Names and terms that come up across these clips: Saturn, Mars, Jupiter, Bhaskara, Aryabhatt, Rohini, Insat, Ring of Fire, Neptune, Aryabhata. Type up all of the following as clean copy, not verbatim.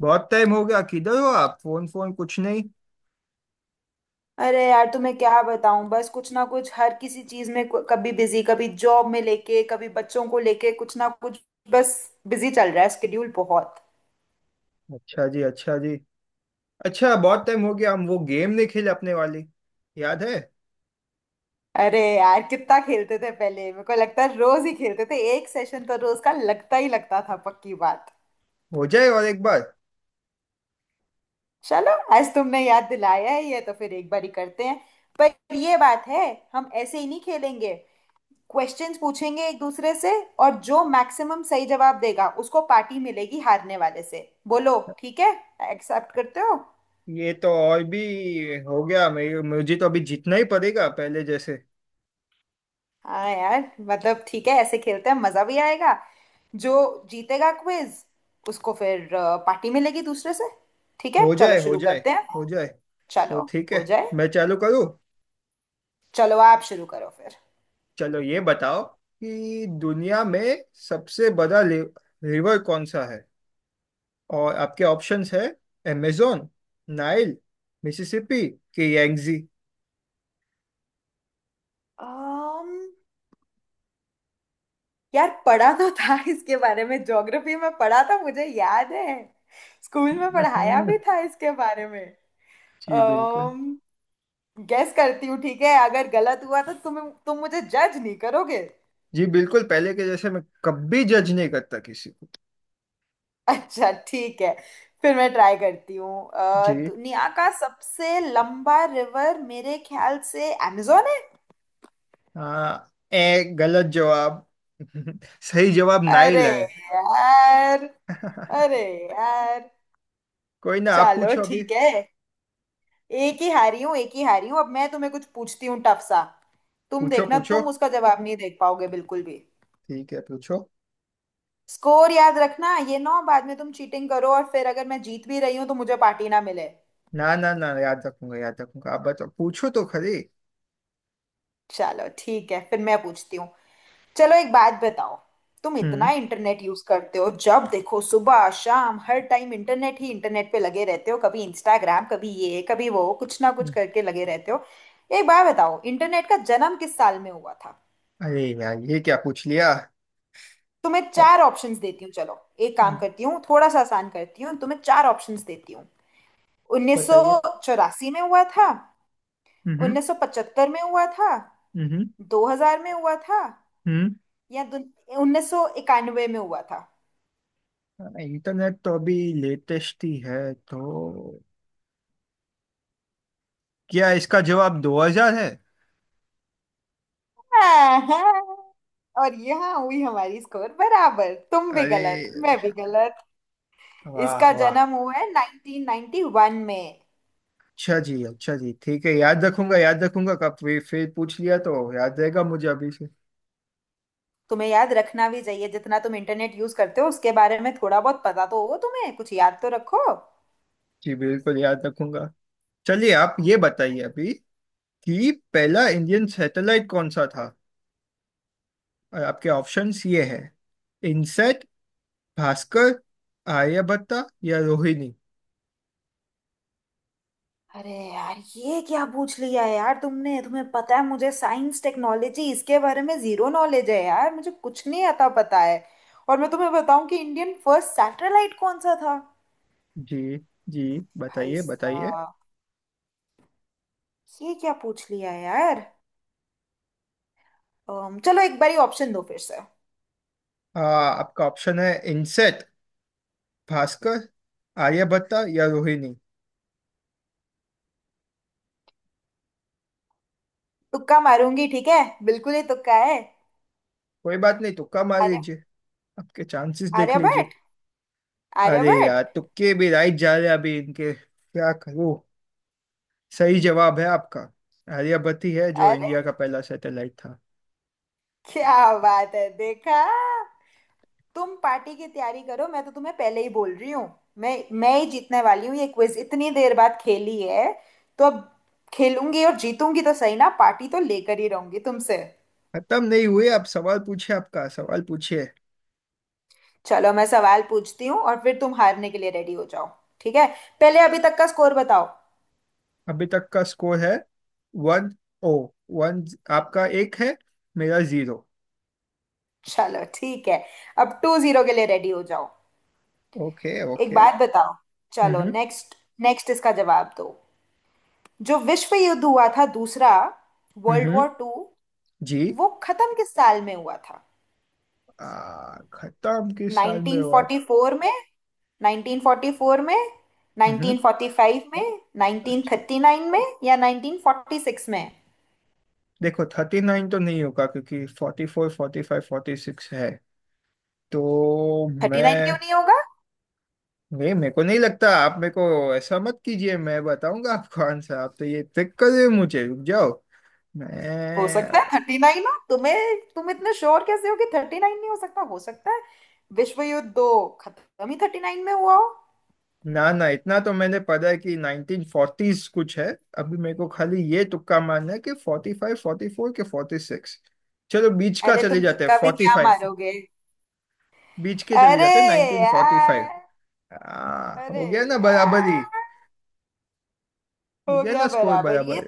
बहुत टाइम हो गया किधर हो आप। फोन फोन कुछ नहीं। अरे यार, तुम्हें क्या बताऊं। बस कुछ ना कुछ। हर किसी चीज में कभी बिजी, कभी जॉब में लेके, कभी बच्चों को लेके कुछ ना कुछ। बस बिजी चल रहा है। स्केड्यूल बहुत। अच्छा जी। अच्छा जी। अच्छा बहुत टाइम हो गया, हम वो गेम नहीं खेले अपने वाली। याद है? अरे यार, कितना खेलते थे पहले। मेरे को लगता है रोज ही खेलते थे। एक सेशन तो रोज का लगता ही लगता था, पक्की बात। हो जाए और एक बार। चलो, आज तुमने याद दिलाया है, ये तो फिर एक बार ही करते हैं। पर ये बात है, हम ऐसे ही नहीं खेलेंगे। क्वेश्चंस पूछेंगे एक दूसरे से, और जो मैक्सिमम सही जवाब देगा उसको पार्टी मिलेगी हारने वाले से। बोलो, ठीक है? एक्सेप्ट करते हो? ये तो और भी हो गया। मेरे मुझे तो अभी जीतना ही पड़ेगा, पहले जैसे। हाँ यार, मतलब ठीक है, ऐसे खेलते हैं, मजा भी आएगा। जो जीतेगा क्विज, उसको फिर पार्टी मिलेगी दूसरे से। ठीक है, हो चलो जाए। हो शुरू जाए। करते हैं। हो जाए। तो चलो। ठीक है, हो जाए। मैं चालू करूँ? चलो आप शुरू करो फिर। चलो ये बताओ कि दुनिया में सबसे बड़ा रिवर कौन सा है? और आपके ऑप्शंस है, अमेजोन, नाइल, मिसिसिपी कि यांगजी। um, यार, पढ़ा तो था इसके बारे में। ज्योग्राफी में पढ़ा था, मुझे याद है। स्कूल में पढ़ाया हम्म, भी था इसके बारे में। जी बिल्कुल। गेस करती हूँ, ठीक है? अगर गलत हुआ तो तुम मुझे जज नहीं करोगे। जी बिल्कुल, पहले के जैसे मैं कभी जज नहीं करता किसी को। अच्छा, ठीक है। फिर मैं ट्राई करती हूँ। जी। दुनिया का सबसे लंबा रिवर मेरे ख्याल से amazon है। हाँ, ए गलत जवाब। सही जवाब नाइल अरे है। यार। अरे यार। कोई ना, आप चलो पूछो अभी। ठीक है। एक ही हारी हूँ, एक ही हारी हूँ। अब मैं तुम्हें कुछ पूछती हूँ टफ सा। तुम पूछो देखना, पूछो। तुम उसका जवाब नहीं देख पाओगे बिल्कुल भी। ठीक है पूछो। स्कोर याद रखना, ये ना हो बाद में तुम चीटिंग करो और फिर अगर मैं जीत भी रही हूँ तो मुझे पार्टी ना मिले। ना ना ना, याद रखूंगा। याद रखूंगा। आप बताओ, पूछो तो खरी। चलो ठीक है, फिर मैं पूछती हूँ। चलो, एक बात बताओ। तुम इतना हम्म इंटरनेट यूज करते हो, जब देखो सुबह शाम हर टाइम इंटरनेट ही इंटरनेट पे लगे रहते हो। कभी इंस्टाग्राम, कभी ये, कभी वो, कुछ ना कुछ हम्म। करके लगे रहते हो। एक बात बताओ, इंटरनेट का जन्म किस साल में हुआ था? अरे यार, ये क्या पूछ लिया! तुम्हें ओ, चार ऑप्शंस देती हूँ, चलो। एक काम हम्म, करती हूँ, थोड़ा सा आसान करती हूँ, तुम्हें चार ऑप्शंस देती हूँ। बताइए। 1984 में हुआ था, हम्म। हम्म। 1975 में हुआ था, हम्म। 2000 में हुआ था, हम्म। यह 1991 में हुआ था। इंटरनेट तो अभी लेटेस्ट ही है, तो क्या इसका जवाब 2000 है? हाँ, और यहाँ हुई हमारी स्कोर बराबर, तुम भी अरे, गलत, मैं भी गलत। वाह इसका वाह। जन्म हुआ है 1991 में। अच्छा जी। अच्छा जी। ठीक है, याद रखूंगा। याद रखूंगा का, फिर पूछ लिया तो याद रहेगा मुझे अभी से। तुम्हें याद रखना भी चाहिए, जितना तुम इंटरनेट यूज करते हो उसके बारे में थोड़ा बहुत पता तो हो, तुम्हें कुछ याद तो रखो। जी बिल्कुल, याद रखूंगा। चलिए आप ये बताइए अभी कि पहला इंडियन सैटेलाइट कौन सा था? और आपके ऑप्शंस ये है। इनसेट, भास्कर, आर्यभट्टा या रोहिणी। अरे यार, ये क्या पूछ लिया यार तुमने। तुम्हें पता है, मुझे साइंस टेक्नोलॉजी, इसके बारे में जीरो नॉलेज है यार। मुझे कुछ नहीं आता पता है। और मैं तुम्हें बताऊं कि इंडियन फर्स्ट सैटेलाइट कौन सा था? जी। जी। भाई बताइए। बताइए। साहब, ये क्या पूछ लिया यार। चलो एक बारी ऑप्शन दो फिर से। आपका ऑप्शन है इनसेट, भास्कर, आर्यभट्टा या रोहिणी। तुक्का मारूंगी, ठीक है। बिल्कुल ही तुक्का है। कोई बात नहीं, तुक्का मार आर्य, लीजिए। आपके चांसेस देख लीजिए। आर्यभट्ट। अरे आर्यभट्ट। यार, तुक्के भी राइट जा रहे हैं, अभी इनके क्या करूं। सही जवाब है आपका। आर्यभट्ट है जो अरे इंडिया का पहला सैटेलाइट था। क्या बात है, देखा? तुम पार्टी की तैयारी करो, मैं तो तुम्हें पहले ही बोल रही हूँ। मैं मैं ही जीतने वाली हूँ ये क्विज। इतनी देर बाद खेली है, तो अब खेलूंगी और जीतूंगी तो सही ना, पार्टी तो लेकर ही रहूंगी तुमसे। खत्म नहीं हुए आप? सवाल पूछिए। आपका सवाल पूछिए। चलो मैं सवाल पूछती हूँ, और फिर तुम हारने के लिए रेडी हो जाओ। ठीक है, पहले अभी तक का स्कोर बताओ। अभी तक का स्कोर है, वन ओ वन। आपका एक है, मेरा जीरो। चलो ठीक है, अब टू जीरो के लिए रेडी हो जाओ। ओके एक ओके। बात बताओ, चलो हम्म। नेक्स्ट। नेक्स्ट इसका जवाब दो, जो विश्व युद्ध हुआ था दूसरा, हम्म। वर्ल्ड हम्म। वॉर टू, जी। वो खत्म किस साल में हुआ था? खत्म किस साल में हुआ था? 1944 में, 1944 में, हम्म। 1945 में, अच्छा। 1939 में या 1946 में? देखो, 39 तो नहीं होगा क्योंकि 44, 45, 46 है। तो 39 क्यों मैं नहीं होगा? वे, मेरे को नहीं लगता। आप मेरे को ऐसा मत कीजिए। मैं बताऊंगा आपको आंसर। आप तो ये ट्रिक कर रहे हो मुझे, रुक जाओ। मैं हो सकता है थर्टी नाइन हो। तुम्हें, तुम इतने श्योर कैसे हो कि थर्टी नाइन नहीं, हो सकता हो सकता है विश्व युद्ध दो खत्म ही थर्टी नाइन में हुआ हो। ना ना, इतना तो मैंने पढ़ा है कि 1940s कुछ है। अभी मेरे को खाली ये तुक्का मारना है कि 45, 44 के 46। चलो बीच का अरे चले तुम जाते हैं, तुक्का भी फोर्टी क्या फाइव मारोगे। बीच के चले अरे जाते हैं नाइनटीन फोर्टी यार। फाइव अरे हो गया ना बराबरी। यार। हो हो गया गया ना स्कोर बराबर। ये बराबर।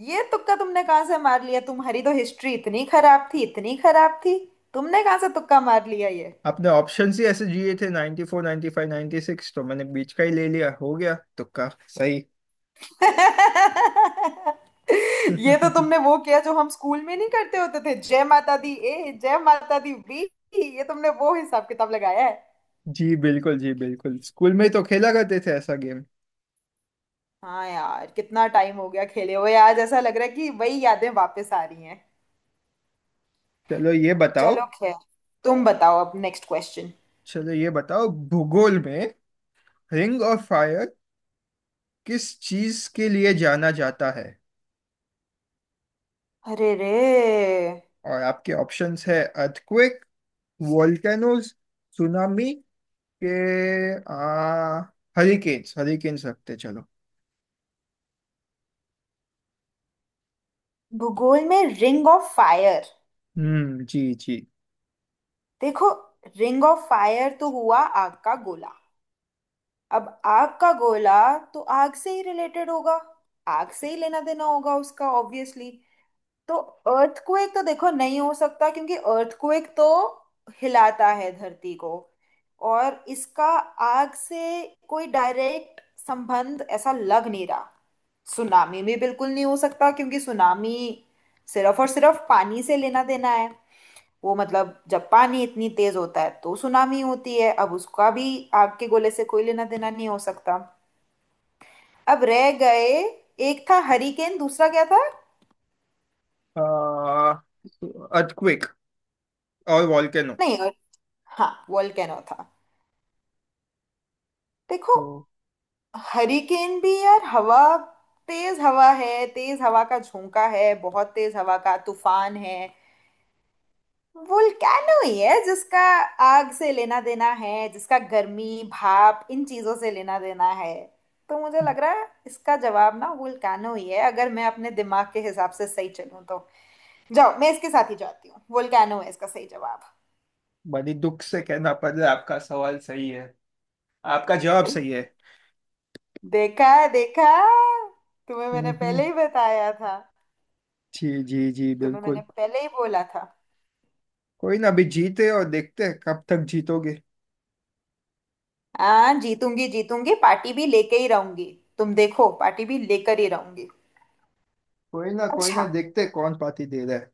ये तुक्का तुमने कहाँ से मार लिया? तुम्हारी तो हिस्ट्री इतनी खराब थी, इतनी खराब थी। तुमने कहाँ से तुक्का मार लिया ये? आपने ऑप्शंस ही ऐसे दिए थे 94 95 96, तो मैंने बीच का ही ले लिया। हो गया तुक्का सही। ये तो तुमने वो किया जो हम स्कूल में नहीं करते होते थे, जय माता दी ए, जय माता दी बी। ये तुमने वो हिसाब किताब लगाया है। जी बिल्कुल। जी बिल्कुल, स्कूल में तो खेला करते थे ऐसा गेम। हाँ यार, कितना टाइम हो गया खेले हुए। आज ऐसा लग रहा है कि वही यादें वापस आ रही हैं। चलो ये बताओ चलो खैर, तुम बताओ अब नेक्स्ट क्वेश्चन। चलो ये बताओ भूगोल में, रिंग ऑफ फायर किस चीज के लिए जाना जाता है? अरे रे, और आपके ऑप्शंस है अर्थक्वेक, वोल्केनोज, सुनामी के आ हरिकेन्स। हरिकेन्स रखते, चलो। भूगोल में रिंग ऑफ फायर। हम्म। जी। जी। देखो, रिंग ऑफ फायर तो हुआ आग का गोला। अब आग का गोला तो आग से ही रिलेटेड होगा, आग से ही लेना देना होगा उसका, ऑब्वियसली। तो अर्थक्वेक तो देखो नहीं हो सकता, क्योंकि अर्थक्वेक तो हिलाता है धरती को, और इसका आग से कोई डायरेक्ट संबंध ऐसा लग नहीं रहा। सुनामी में बिल्कुल नहीं हो सकता, क्योंकि सुनामी सिर्फ और सिर्फ पानी से लेना देना है। वो मतलब जब पानी इतनी तेज होता है तो सुनामी होती है, अब उसका भी आग के गोले से कोई लेना देना नहीं हो सकता। अब रह गए, एक था हरिकेन, दूसरा क्या था, आ अर्थक्वेक और वॉल्केनो। नहीं और, हाँ वोल्केनो था। देखो, तो हरिकेन भी यार हवा, तेज हवा है, तेज हवा का झोंका है, बहुत तेज हवा का तूफान है। वोल्केनो ही है जिसका आग से लेना देना है, जिसका गर्मी भाप इन चीजों से लेना देना है। तो मुझे लग रहा है इसका जवाब ना वोल्केनो ही है, अगर मैं अपने दिमाग के हिसाब से सही चलूं तो। जाओ, मैं इसके साथ ही जाती हूँ, वोल्केनो है इसका सही जवाब। बड़ी दुख से कहना पड़ रहा है, आपका सवाल सही है। आपका जवाब सही है। देखा, देखा? तुम्हें मैंने हम्म। पहले ही बताया था। जी। जी। जी तुम्हें मैंने बिल्कुल। पहले ही बोला था। कोई ना, अभी जीते और देखते हैं कब तक जीतोगे। हाँ, जीतूंगी जीतूंगी, पार्टी भी लेके ही रहूंगी। तुम देखो, पार्टी भी लेकर ही रहूंगी। कोई ना, कोई अच्छा, ना, देखते हैं कौन पार्टी दे रहा है।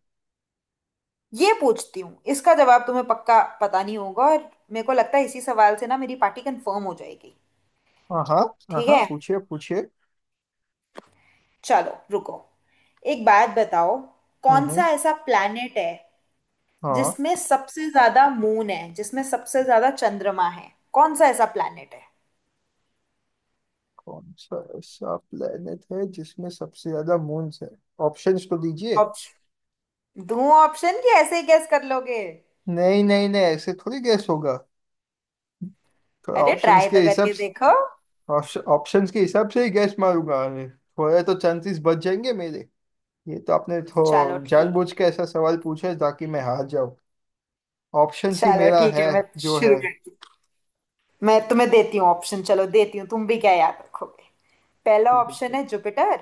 ये पूछती हूँ, इसका जवाब तुम्हें पक्का पता नहीं होगा, और मेरे को लगता है इसी सवाल से ना मेरी पार्टी कंफर्म हो जाएगी। हाँ हाँ ठीक हाँ, है पूछिए पूछिए। चलो, रुको। एक बात बताओ, कौन सा हम्म। ऐसा प्लैनेट है हाँ। जिसमें सबसे ज्यादा मून है, जिसमें सबसे ज्यादा चंद्रमा है, कौन सा ऐसा प्लैनेट है? कौन सा ऐसा प्लेनेट है जिसमें सबसे ज्यादा मून्स है? ऑप्शंस तो दीजिए। ऑप्शन दूं? ऑप्शन कि ऐसे ही गैस कर लोगे? नहीं नहीं नहीं, ऐसे थोड़ी गैस होगा। थोड़ा अरे ट्राई तो करके देखो। ऑप्शंस के हिसाब से ही गैस मारूंगा। अरे, थोड़े तो चांसेस बच जाएंगे मेरे। ये तो आपने चलो थो ठीक। जानबूझ के ऐसा सवाल पूछा है ताकि मैं हार जाऊं। ऑप्शंस ही चलो मेरा ठीक है, है, मैं जो शुरू है। करती हूँ। मैं तुम्हें देती हूँ ऑप्शन, चलो देती हूँ, तुम भी क्या याद रखोगे। पहला ठीक ऑप्शन है। है जुपिटर।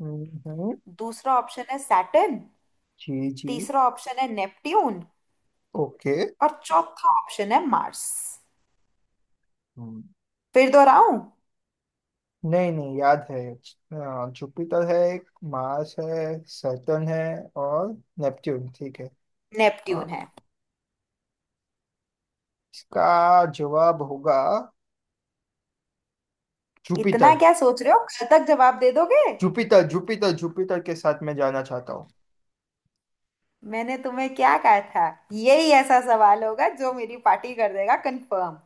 हम्म, हम्म, दूसरा ऑप्शन है सैटर्न। जी जी, तीसरा ऑप्शन है नेपट्यून। ओके, और चौथा ऑप्शन है मार्स। हम्म। फिर दोहराऊं? नहीं नहीं, याद है। जुपिटर है एक, मार्स है, सैटर्न है और नेपट्यून। ठीक है। नेपट्यून हाँ, है। इसका जवाब होगा जुपिटर। इतना क्या सोच रहे हो, कल तक जवाब दे दोगे? जुपिटर जुपिटर जुपिटर के साथ मैं जाना चाहता हूँ। मैंने तुम्हें क्या कहा था, यही ऐसा सवाल होगा जो मेरी पार्टी कर देगा कंफर्म।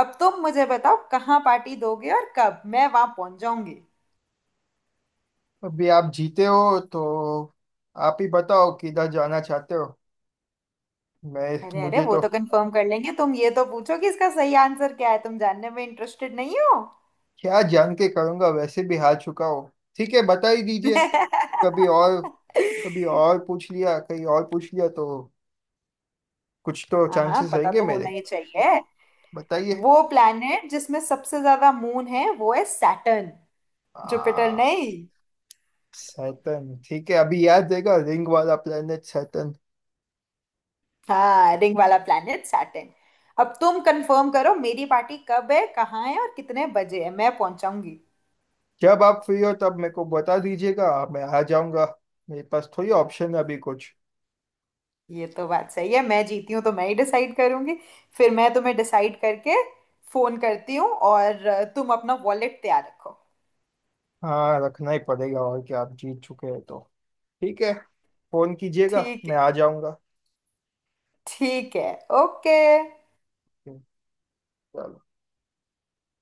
अब तुम मुझे बताओ कहाँ पार्टी दोगे और कब, मैं वहां पहुंच जाऊंगी। अभी आप जीते हो तो आप ही बताओ किधर जाना चाहते हो। मैं अरे अरे, मुझे वो तो तो कंफर्म कर लेंगे, तुम ये तो पूछो कि इसका सही आंसर क्या है। तुम जानने में इंटरेस्टेड नहीं हो? क्या जान के करूंगा, वैसे भी हार चुका हो। ठीक है, बता ही दीजिए। कभी और कभी और पूछ लिया कहीं और पूछ लिया तो कुछ तो हाँ हाँ, चांसेस पता रहेंगे तो होना मेरे। ही चाहिए। बताइए। वो प्लैनेट जिसमें सबसे ज्यादा मून है वो है सैटर्न, जुपिटर आ, नहीं। सैटर्न। ठीक है, अभी याद रहेगा, रिंग वाला प्लेनेट सैटर्न। हाँ, रिंग वाला प्लैनेट सैटर्न। अब तुम कंफर्म करो मेरी पार्टी कब है, कहाँ है और कितने बजे है, मैं पहुंचाऊंगी। जब आप फ्री हो तब मेरे को बता दीजिएगा, मैं आ जाऊंगा। मेरे पास थोड़ी ऑप्शन है अभी कुछ। ये तो बात सही है, मैं जीती हूँ तो मैं ही डिसाइड करूंगी। फिर मैं तुम्हें डिसाइड करके फोन करती हूँ, और तुम अपना वॉलेट तैयार रखो। हाँ, रखना ही पड़ेगा और क्या, आप जीत चुके हैं तो। ठीक है, फोन कीजिएगा, ठीक मैं है। आ जाऊंगा। ठीक है। ओके। चलो।